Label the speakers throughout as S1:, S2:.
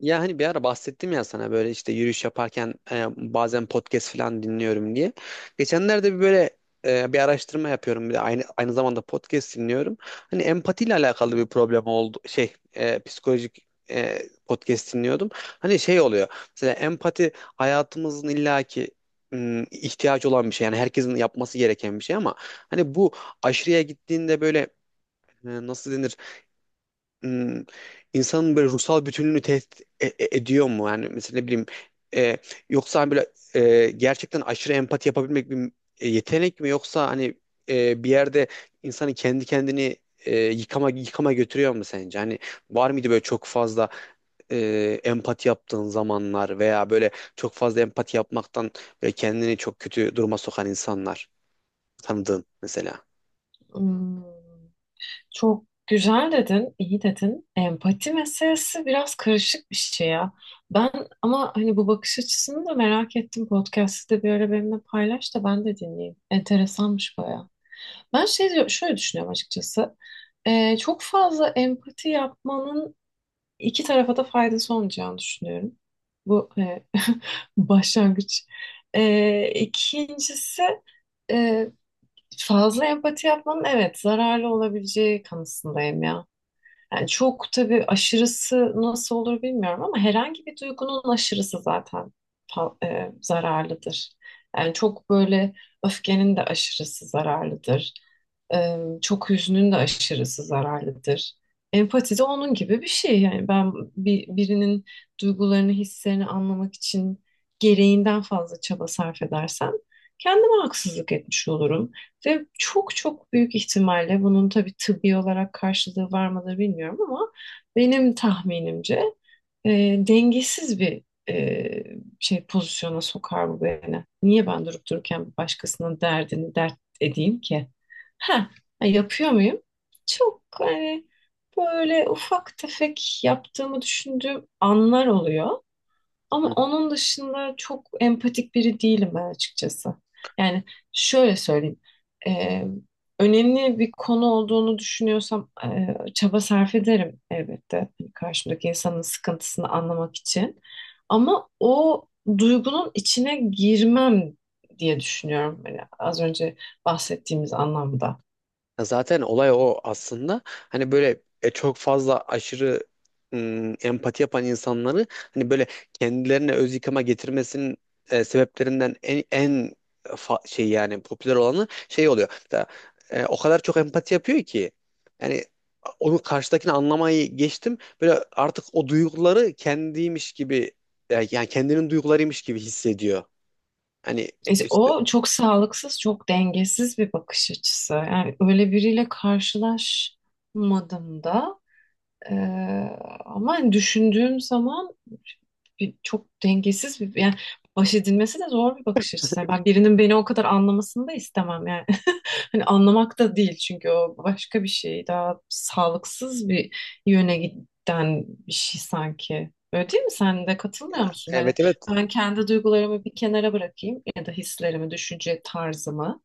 S1: Ya hani bir ara bahsettim ya sana böyle işte yürüyüş yaparken bazen podcast falan dinliyorum diye. Geçenlerde bir böyle bir araştırma yapıyorum bir de aynı zamanda podcast dinliyorum. Hani empatiyle alakalı bir problem oldu şey psikolojik podcast dinliyordum. Hani şey oluyor mesela empati hayatımızın illaki ihtiyaç olan bir şey, yani herkesin yapması gereken bir şey, ama hani bu aşırıya gittiğinde böyle nasıl denir, hmm, insanın böyle ruhsal bütünlüğünü tehdit ediyor mu? Yani mesela ne bileyim, e, yoksa hani böyle gerçekten aşırı empati yapabilmek bir yetenek mi, yoksa hani bir yerde insanı kendi kendini yıkama götürüyor mu sence? Hani var mıydı böyle çok fazla empati yaptığın zamanlar, veya böyle çok fazla empati yapmaktan böyle kendini çok kötü duruma sokan insanlar tanıdığın mesela?
S2: Hmm, çok güzel dedin, iyi dedin. Empati meselesi biraz karışık bir şey ya. Ben ama hani bu bakış açısını da merak ettim. Podcast'ı da bir ara benimle paylaş da ben de dinleyeyim. Enteresanmış bayağı. Ben şöyle düşünüyorum açıkçası. Çok fazla empati yapmanın iki tarafa da faydası olmayacağını düşünüyorum. Bu başlangıç. İkincisi fazla empati yapmanın evet zararlı olabileceği kanısındayım ya. Yani çok tabii aşırısı nasıl olur bilmiyorum ama herhangi bir duygunun aşırısı zaten zararlıdır. Yani çok böyle öfkenin de aşırısı zararlıdır. Çok hüznün de aşırısı zararlıdır. Empati de onun gibi bir şey. Yani ben birinin duygularını, hislerini anlamak için gereğinden fazla çaba sarf edersem kendime haksızlık etmiş olurum. Ve çok çok büyük ihtimalle bunun tabii tıbbi olarak karşılığı var mıdır bilmiyorum ama benim tahminimce e, dengesiz bir e, pozisyona sokar bu beni. Niye ben durup dururken başkasının derdini dert edeyim ki? Ha, yapıyor muyum? Çok hani böyle ufak tefek yaptığımı düşündüğüm anlar oluyor. Ama onun dışında çok empatik biri değilim ben açıkçası. Yani şöyle söyleyeyim. Ee, Önemli bir konu olduğunu düşünüyorsam çaba sarf ederim elbette. Hani karşımdaki insanın sıkıntısını anlamak için. Ama o duygunun içine girmem diye düşünüyorum. Hani az önce bahsettiğimiz anlamda.
S1: Ya zaten olay o aslında. Hani böyle çok fazla aşırı empati yapan insanları hani böyle kendilerine öz yıkıma getirmesinin sebeplerinden en şey, yani popüler olanı şey oluyor. Mesela, o kadar çok empati yapıyor ki yani onu, karşıdakini anlamayı geçtim. Böyle artık o duyguları kendiymiş gibi, yani kendinin duygularıymış gibi hissediyor. Hani
S2: E,
S1: işte,
S2: o çok sağlıksız, çok dengesiz bir bakış açısı. Yani öyle biriyle karşılaşmadım da. Ee, Ama hani düşündüğüm zaman çok dengesiz bir yani baş edilmesi de zor bir bakış açısı. Yani ben birinin beni o kadar anlamasını da istemem yani. Hani anlamak da değil çünkü o başka bir şey. Daha sağlıksız bir yöne giden bir şey sanki. Öyle değil mi? Sen de
S1: ya,
S2: katılmıyor musun? Hani
S1: evet, evet.
S2: ben kendi duygularımı bir kenara bırakayım ya da hislerimi, düşünce tarzımı.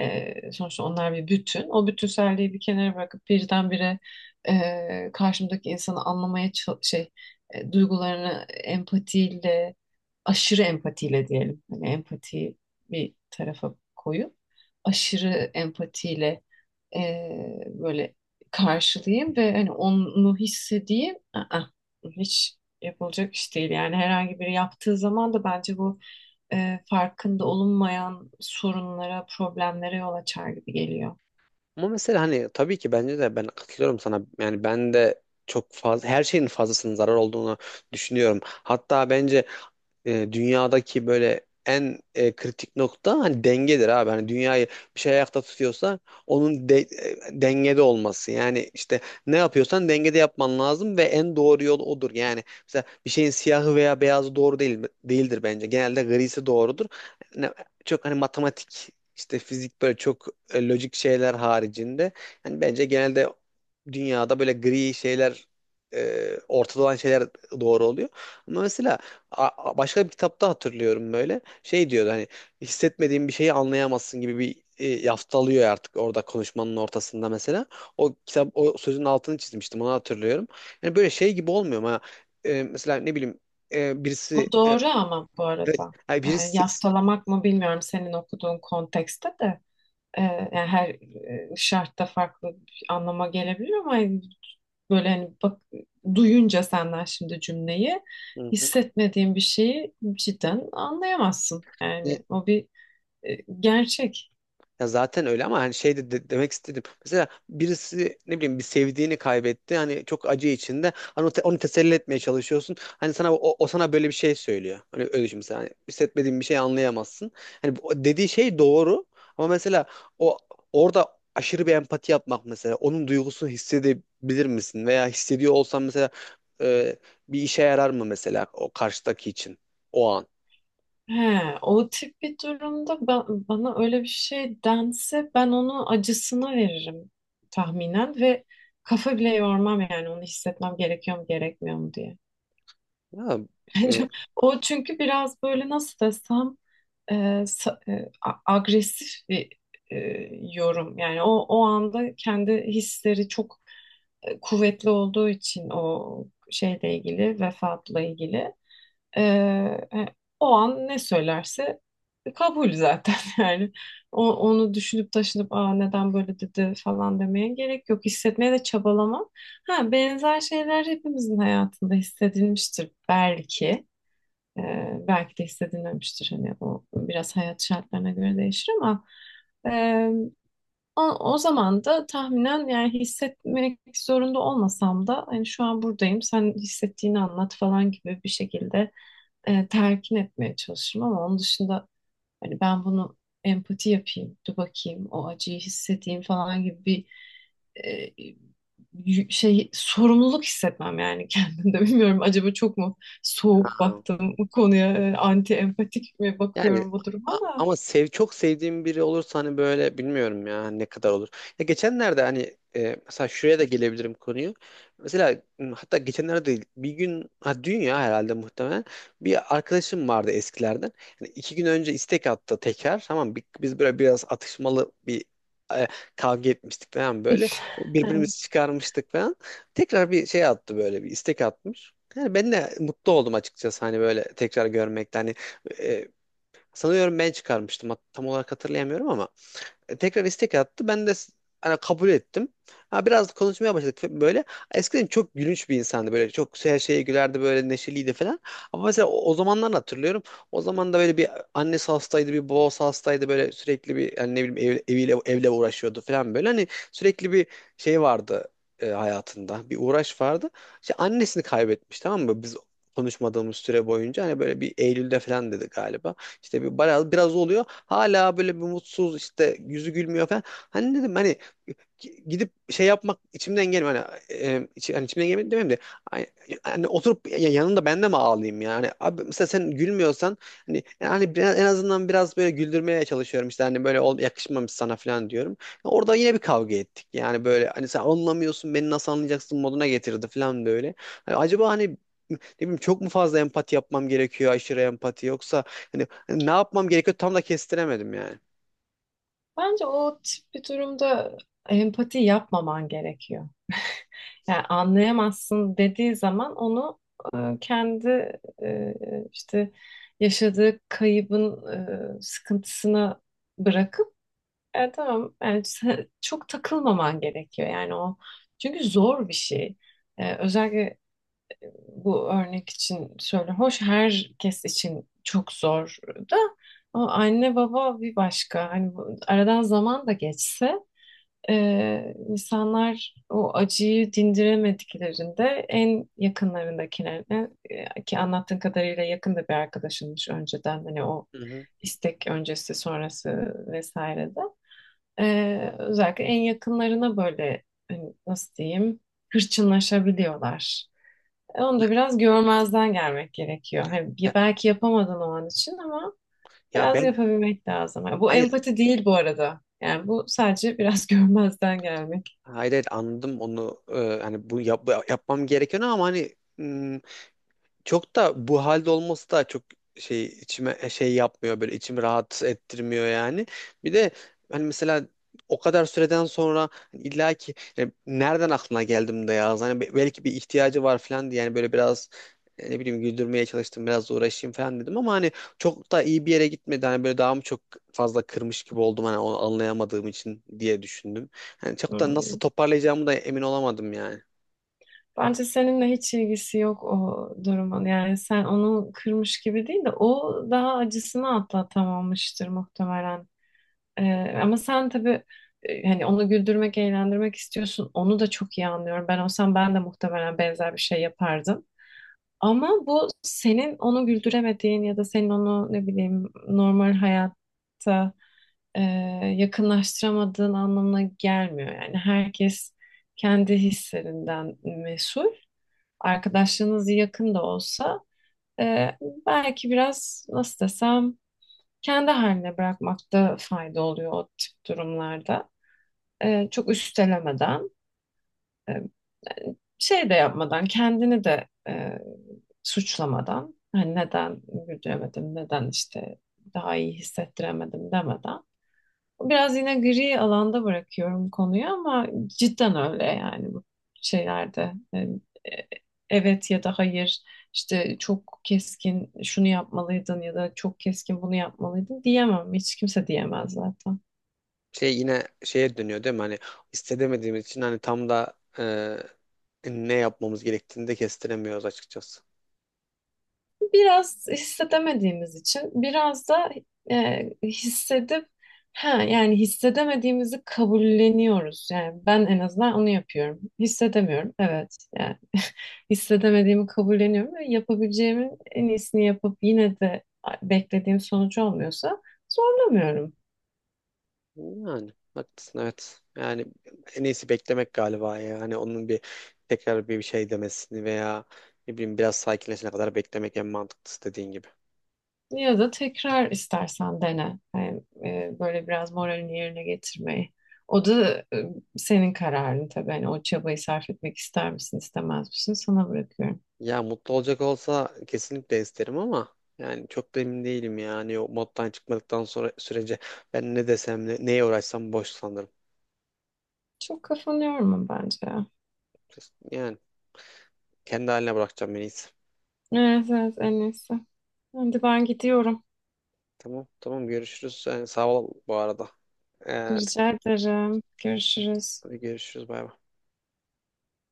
S2: Sonuçta onlar bir bütün. O bütünselliği bir kenara bırakıp birdenbire karşımdaki insanı anlamaya ça- şey duygularını empatiyle, aşırı empatiyle diyelim. Hani empatiyi bir tarafa koyup aşırı empatiyle böyle karşılayayım ve hani onu hissedeyim. Aa, hiç yapılacak iş değil. Yani herhangi biri yaptığı zaman da bence bu farkında olunmayan sorunlara, problemlere yol açar gibi geliyor.
S1: Ama mesela hani tabii ki bence de ben katılıyorum sana. Yani ben de çok fazla her şeyin fazlasının zarar olduğunu düşünüyorum. Hatta bence dünyadaki böyle en kritik nokta hani dengedir abi. Hani dünyayı bir şey ayakta tutuyorsa onun dengede olması. Yani işte ne yapıyorsan dengede yapman lazım, ve en doğru yol odur. Yani mesela bir şeyin siyahı veya beyazı doğru değil değildir bence. Genelde grisi doğrudur. Ne- Çok hani matematik, işte fizik, böyle çok lojik şeyler haricinde yani bence genelde dünyada böyle gri şeyler, ortada olan şeyler doğru oluyor. Ama mesela A- başka bir kitapta hatırlıyorum böyle. Şey diyordu hani hissetmediğin bir şeyi anlayamazsın gibi bir yaftalıyor artık orada konuşmanın ortasında mesela. O kitap, o sözün altını çizmiştim, onu hatırlıyorum. Yani böyle şey gibi olmuyor ama mesela ne bileyim, e, birisi
S2: Bu
S1: e, e,
S2: doğru ama bu arada.
S1: yani
S2: Yani
S1: birisi.
S2: yaftalamak mı bilmiyorum senin okuduğun kontekste de. Yani her şartta farklı bir anlama gelebilir ama yani böyle hani bak, duyunca senden şimdi cümleyi,
S1: Hı hı.
S2: hissetmediğin bir şeyi cidden anlayamazsın. Yani o bir gerçek.
S1: Ya zaten öyle ama hani şey, demek istedim. Mesela birisi ne bileyim bir sevdiğini kaybetti. Hani çok acı içinde. Hani onu teselli etmeye çalışıyorsun. Hani sana o sana böyle bir şey söylüyor. Hani öyle düşün mesela. Hani hissetmediğin bir şey anlayamazsın. Hani dediği şey doğru, ama mesela o orada aşırı bir empati yapmak, mesela onun duygusunu hissedebilir misin, veya hissediyor olsan mesela e, bir işe yarar mı mesela o karşıdaki için o an?
S2: He, o tip bir durumda bana öyle bir şey dense ben onu acısına veririm tahminen ve kafa bile yormam yani onu hissetmem gerekiyor mu gerekmiyor mu diye.
S1: Ya, e,
S2: Bence o çünkü biraz böyle nasıl desem, e, agresif bir e, yorum. Yani o o anda kendi hisleri çok kuvvetli olduğu için o şeyle ilgili, vefatla ilgili, e, e, o an ne söylerse kabul zaten yani. Onu düşünüp taşınıp aa, neden böyle dedi falan demeye gerek yok. Hissetmeye de çabalamam. Ha, benzer şeyler hepimizin hayatında hissedilmiştir belki. Belki de hissedilmemiştir hani o biraz hayat şartlarına göre değişir ama e, o zaman da tahminen yani hissetmek zorunda olmasam da hani şu an buradayım sen hissettiğini anlat falan gibi bir şekilde telkin etmeye çalışırım ama onun dışında hani ben bunu empati yapayım, dur bakayım o acıyı hissedeyim falan gibi bir e, sorumluluk hissetmem yani kendimde bilmiyorum acaba çok mu soğuk baktım bu konuya, anti empatik mi
S1: yani
S2: bakıyorum bu duruma da.
S1: ama çok sevdiğim biri olursa hani böyle bilmiyorum ya hani, ne kadar olur. Ya geçenlerde hani mesela şuraya da gelebilirim konuyu. Mesela hatta geçenlerde değil bir gün, ha dün ya herhalde muhtemelen, bir arkadaşım vardı eskilerden. Hani iki gün önce istek attı tekrar, tamam, biz böyle biraz atışmalı bir e, kavga etmiştik falan böyle. Birbirimizi çıkarmıştık falan. Tekrar bir şey attı, böyle bir istek atmış. Yani ben de mutlu oldum açıkçası hani böyle tekrar görmekten. Hani, e, sanıyorum ben çıkarmıştım. Tam olarak hatırlayamıyorum ama tekrar istek attı. Hani kabul ettim. Ha, biraz konuşmaya başladık böyle. Eskiden çok gülünç bir insandı böyle. Çok her şeye gülerdi, böyle neşeliydi falan. Ama mesela o zamanlar hatırlıyorum. O zaman da böyle bir annesi hastaydı, bir babası hastaydı, böyle sürekli bir yani ne bileyim, ev, eviyle evle uğraşıyordu falan böyle. Hani sürekli bir şey vardı hayatında. Bir uğraş vardı. İşte annesini kaybetmiş, tamam mı? Biz konuşmadığımız süre boyunca, hani böyle bir Eylül'de falan dedi galiba. İşte biraz, biraz oluyor. Hala böyle bir mutsuz, işte yüzü gülmüyor falan. Hani dedim hani gidip şey yapmak içimden gelmiyor. Hani, hani içimden gelmiyor demeyeyim de, ay- hani oturup yanında ben de mi ağlayayım yani? Abi mesela sen gülmüyorsan hani yani en azından biraz böyle güldürmeye çalışıyorum. İşte hani böyle yakışmamış sana falan diyorum. Orada yine bir kavga ettik. Yani böyle hani sen anlamıyorsun, beni nasıl anlayacaksın moduna getirdi falan böyle. Hani acaba hani ne bileyim, çok mu fazla empati yapmam gerekiyor, aşırı empati, yoksa hani ne yapmam gerekiyor tam da kestiremedim yani.
S2: Bence o tip bir durumda empati yapmaman gerekiyor. Yani anlayamazsın dediği zaman onu kendi işte yaşadığı kaybın sıkıntısına bırakıp. E, tamam. Yani çok takılmaman gerekiyor yani o. Çünkü zor bir şey. E, özellikle bu örnek için söyle. Hoş herkes için çok zor da, ama anne baba bir başka. Hani aradan zaman da geçse insanlar o acıyı dindiremediklerinde en yakınlarındakilerine, ki anlattığın kadarıyla yakında bir arkadaşınmış önceden, hani o
S1: Hı hı.
S2: istek öncesi sonrası vesaire de. Özellikle en yakınlarına böyle, hani nasıl diyeyim, hırçınlaşabiliyorlar. E, onu da biraz görmezden gelmek gerekiyor. Hani
S1: Ya,
S2: belki yapamadın o an için ama
S1: ya
S2: biraz
S1: ben,
S2: yapabilmek lazım. Ha, bu
S1: hayır,
S2: empati değil bu arada. Yani bu sadece biraz görmezden gelmek.
S1: hayır, hayır, anladım onu. Hani bu yapmam gerekiyor ama hani çok da bu halde olması da çok şey içime, şey yapmıyor, böyle içimi rahat ettirmiyor yani. Bir de hani mesela o kadar süreden sonra hani illa ki yani nereden aklına geldim de ya hani belki bir ihtiyacı var falan diye, yani böyle biraz ne bileyim güldürmeye çalıştım, biraz uğraşayım falan dedim ama hani çok da iyi bir yere gitmedi. Hani böyle daha mı çok fazla kırmış gibi oldum hani onu anlayamadığım için diye düşündüm. Hani çok da nasıl
S2: Hmm.
S1: toparlayacağımı da emin olamadım yani.
S2: Bence seninle hiç ilgisi yok o durumun. Yani sen onu kırmış gibi değil de o daha acısını atlatamamıştır muhtemelen. Ama sen tabii, hani onu güldürmek, eğlendirmek istiyorsun. Onu da çok iyi anlıyorum. Ben olsam ben de muhtemelen benzer bir şey yapardım. Ama bu senin onu güldüremediğin ya da senin onu ne bileyim normal hayatta e, yakınlaştıramadığın anlamına gelmiyor. Yani herkes kendi hislerinden mesul. Arkadaşlığınız yakın da olsa e, belki biraz nasıl desem kendi haline bırakmakta fayda oluyor o tip durumlarda. Çok üstelemeden, e, şey de yapmadan, kendini de suçlamadan, hani neden güldüremedim, neden işte daha iyi hissettiremedim demeden. Biraz yine gri alanda bırakıyorum konuyu ama cidden öyle yani bu şeylerde. Yani, e, evet ya da hayır işte çok keskin şunu yapmalıydın ya da çok keskin bunu yapmalıydın diyemem. Hiç kimse diyemez zaten.
S1: Şey, yine şeye dönüyor değil mi? Hani istedemediğimiz için hani tam da ne yapmamız gerektiğini de kestiremiyoruz açıkçası.
S2: Biraz hissedemediğimiz için biraz da hissedip ha yani hissedemediğimizi kabulleniyoruz. Yani ben en azından onu yapıyorum. Hissedemiyorum. Evet. Yani hissedemediğimi kabulleniyorum ve yapabileceğimin en iyisini yapıp yine de beklediğim sonucu olmuyorsa zorlamıyorum.
S1: Yani haklısın, evet. Yani en iyisi beklemek galiba ya. Hani onun bir tekrar bir şey demesini, veya ne bileyim biraz sakinleşene kadar beklemek en mantıklısı dediğin gibi.
S2: Ya da tekrar istersen dene. Yani, böyle biraz moralini yerine getirmeyi. O da senin kararın tabii. Hani o çabayı sarf etmek ister misin, istemez misin sana bırakıyorum.
S1: Ya mutlu olacak olsa kesinlikle isterim ama yani çok da emin değilim ya. Hani o moddan çıkmadıktan sonra sürece ben ne desem, neye uğraşsam boş sanırım.
S2: Çok kafanı yorma bence ya.
S1: Yani kendi haline bırakacağım en iyisi.
S2: Evet, evet en iyisi. Şimdi ben gidiyorum.
S1: Tamam, tamam, görüşürüz. Yani sağ ol bu arada. Ee,
S2: Rica ederim. Görüşürüz.
S1: görüşürüz, bay bay.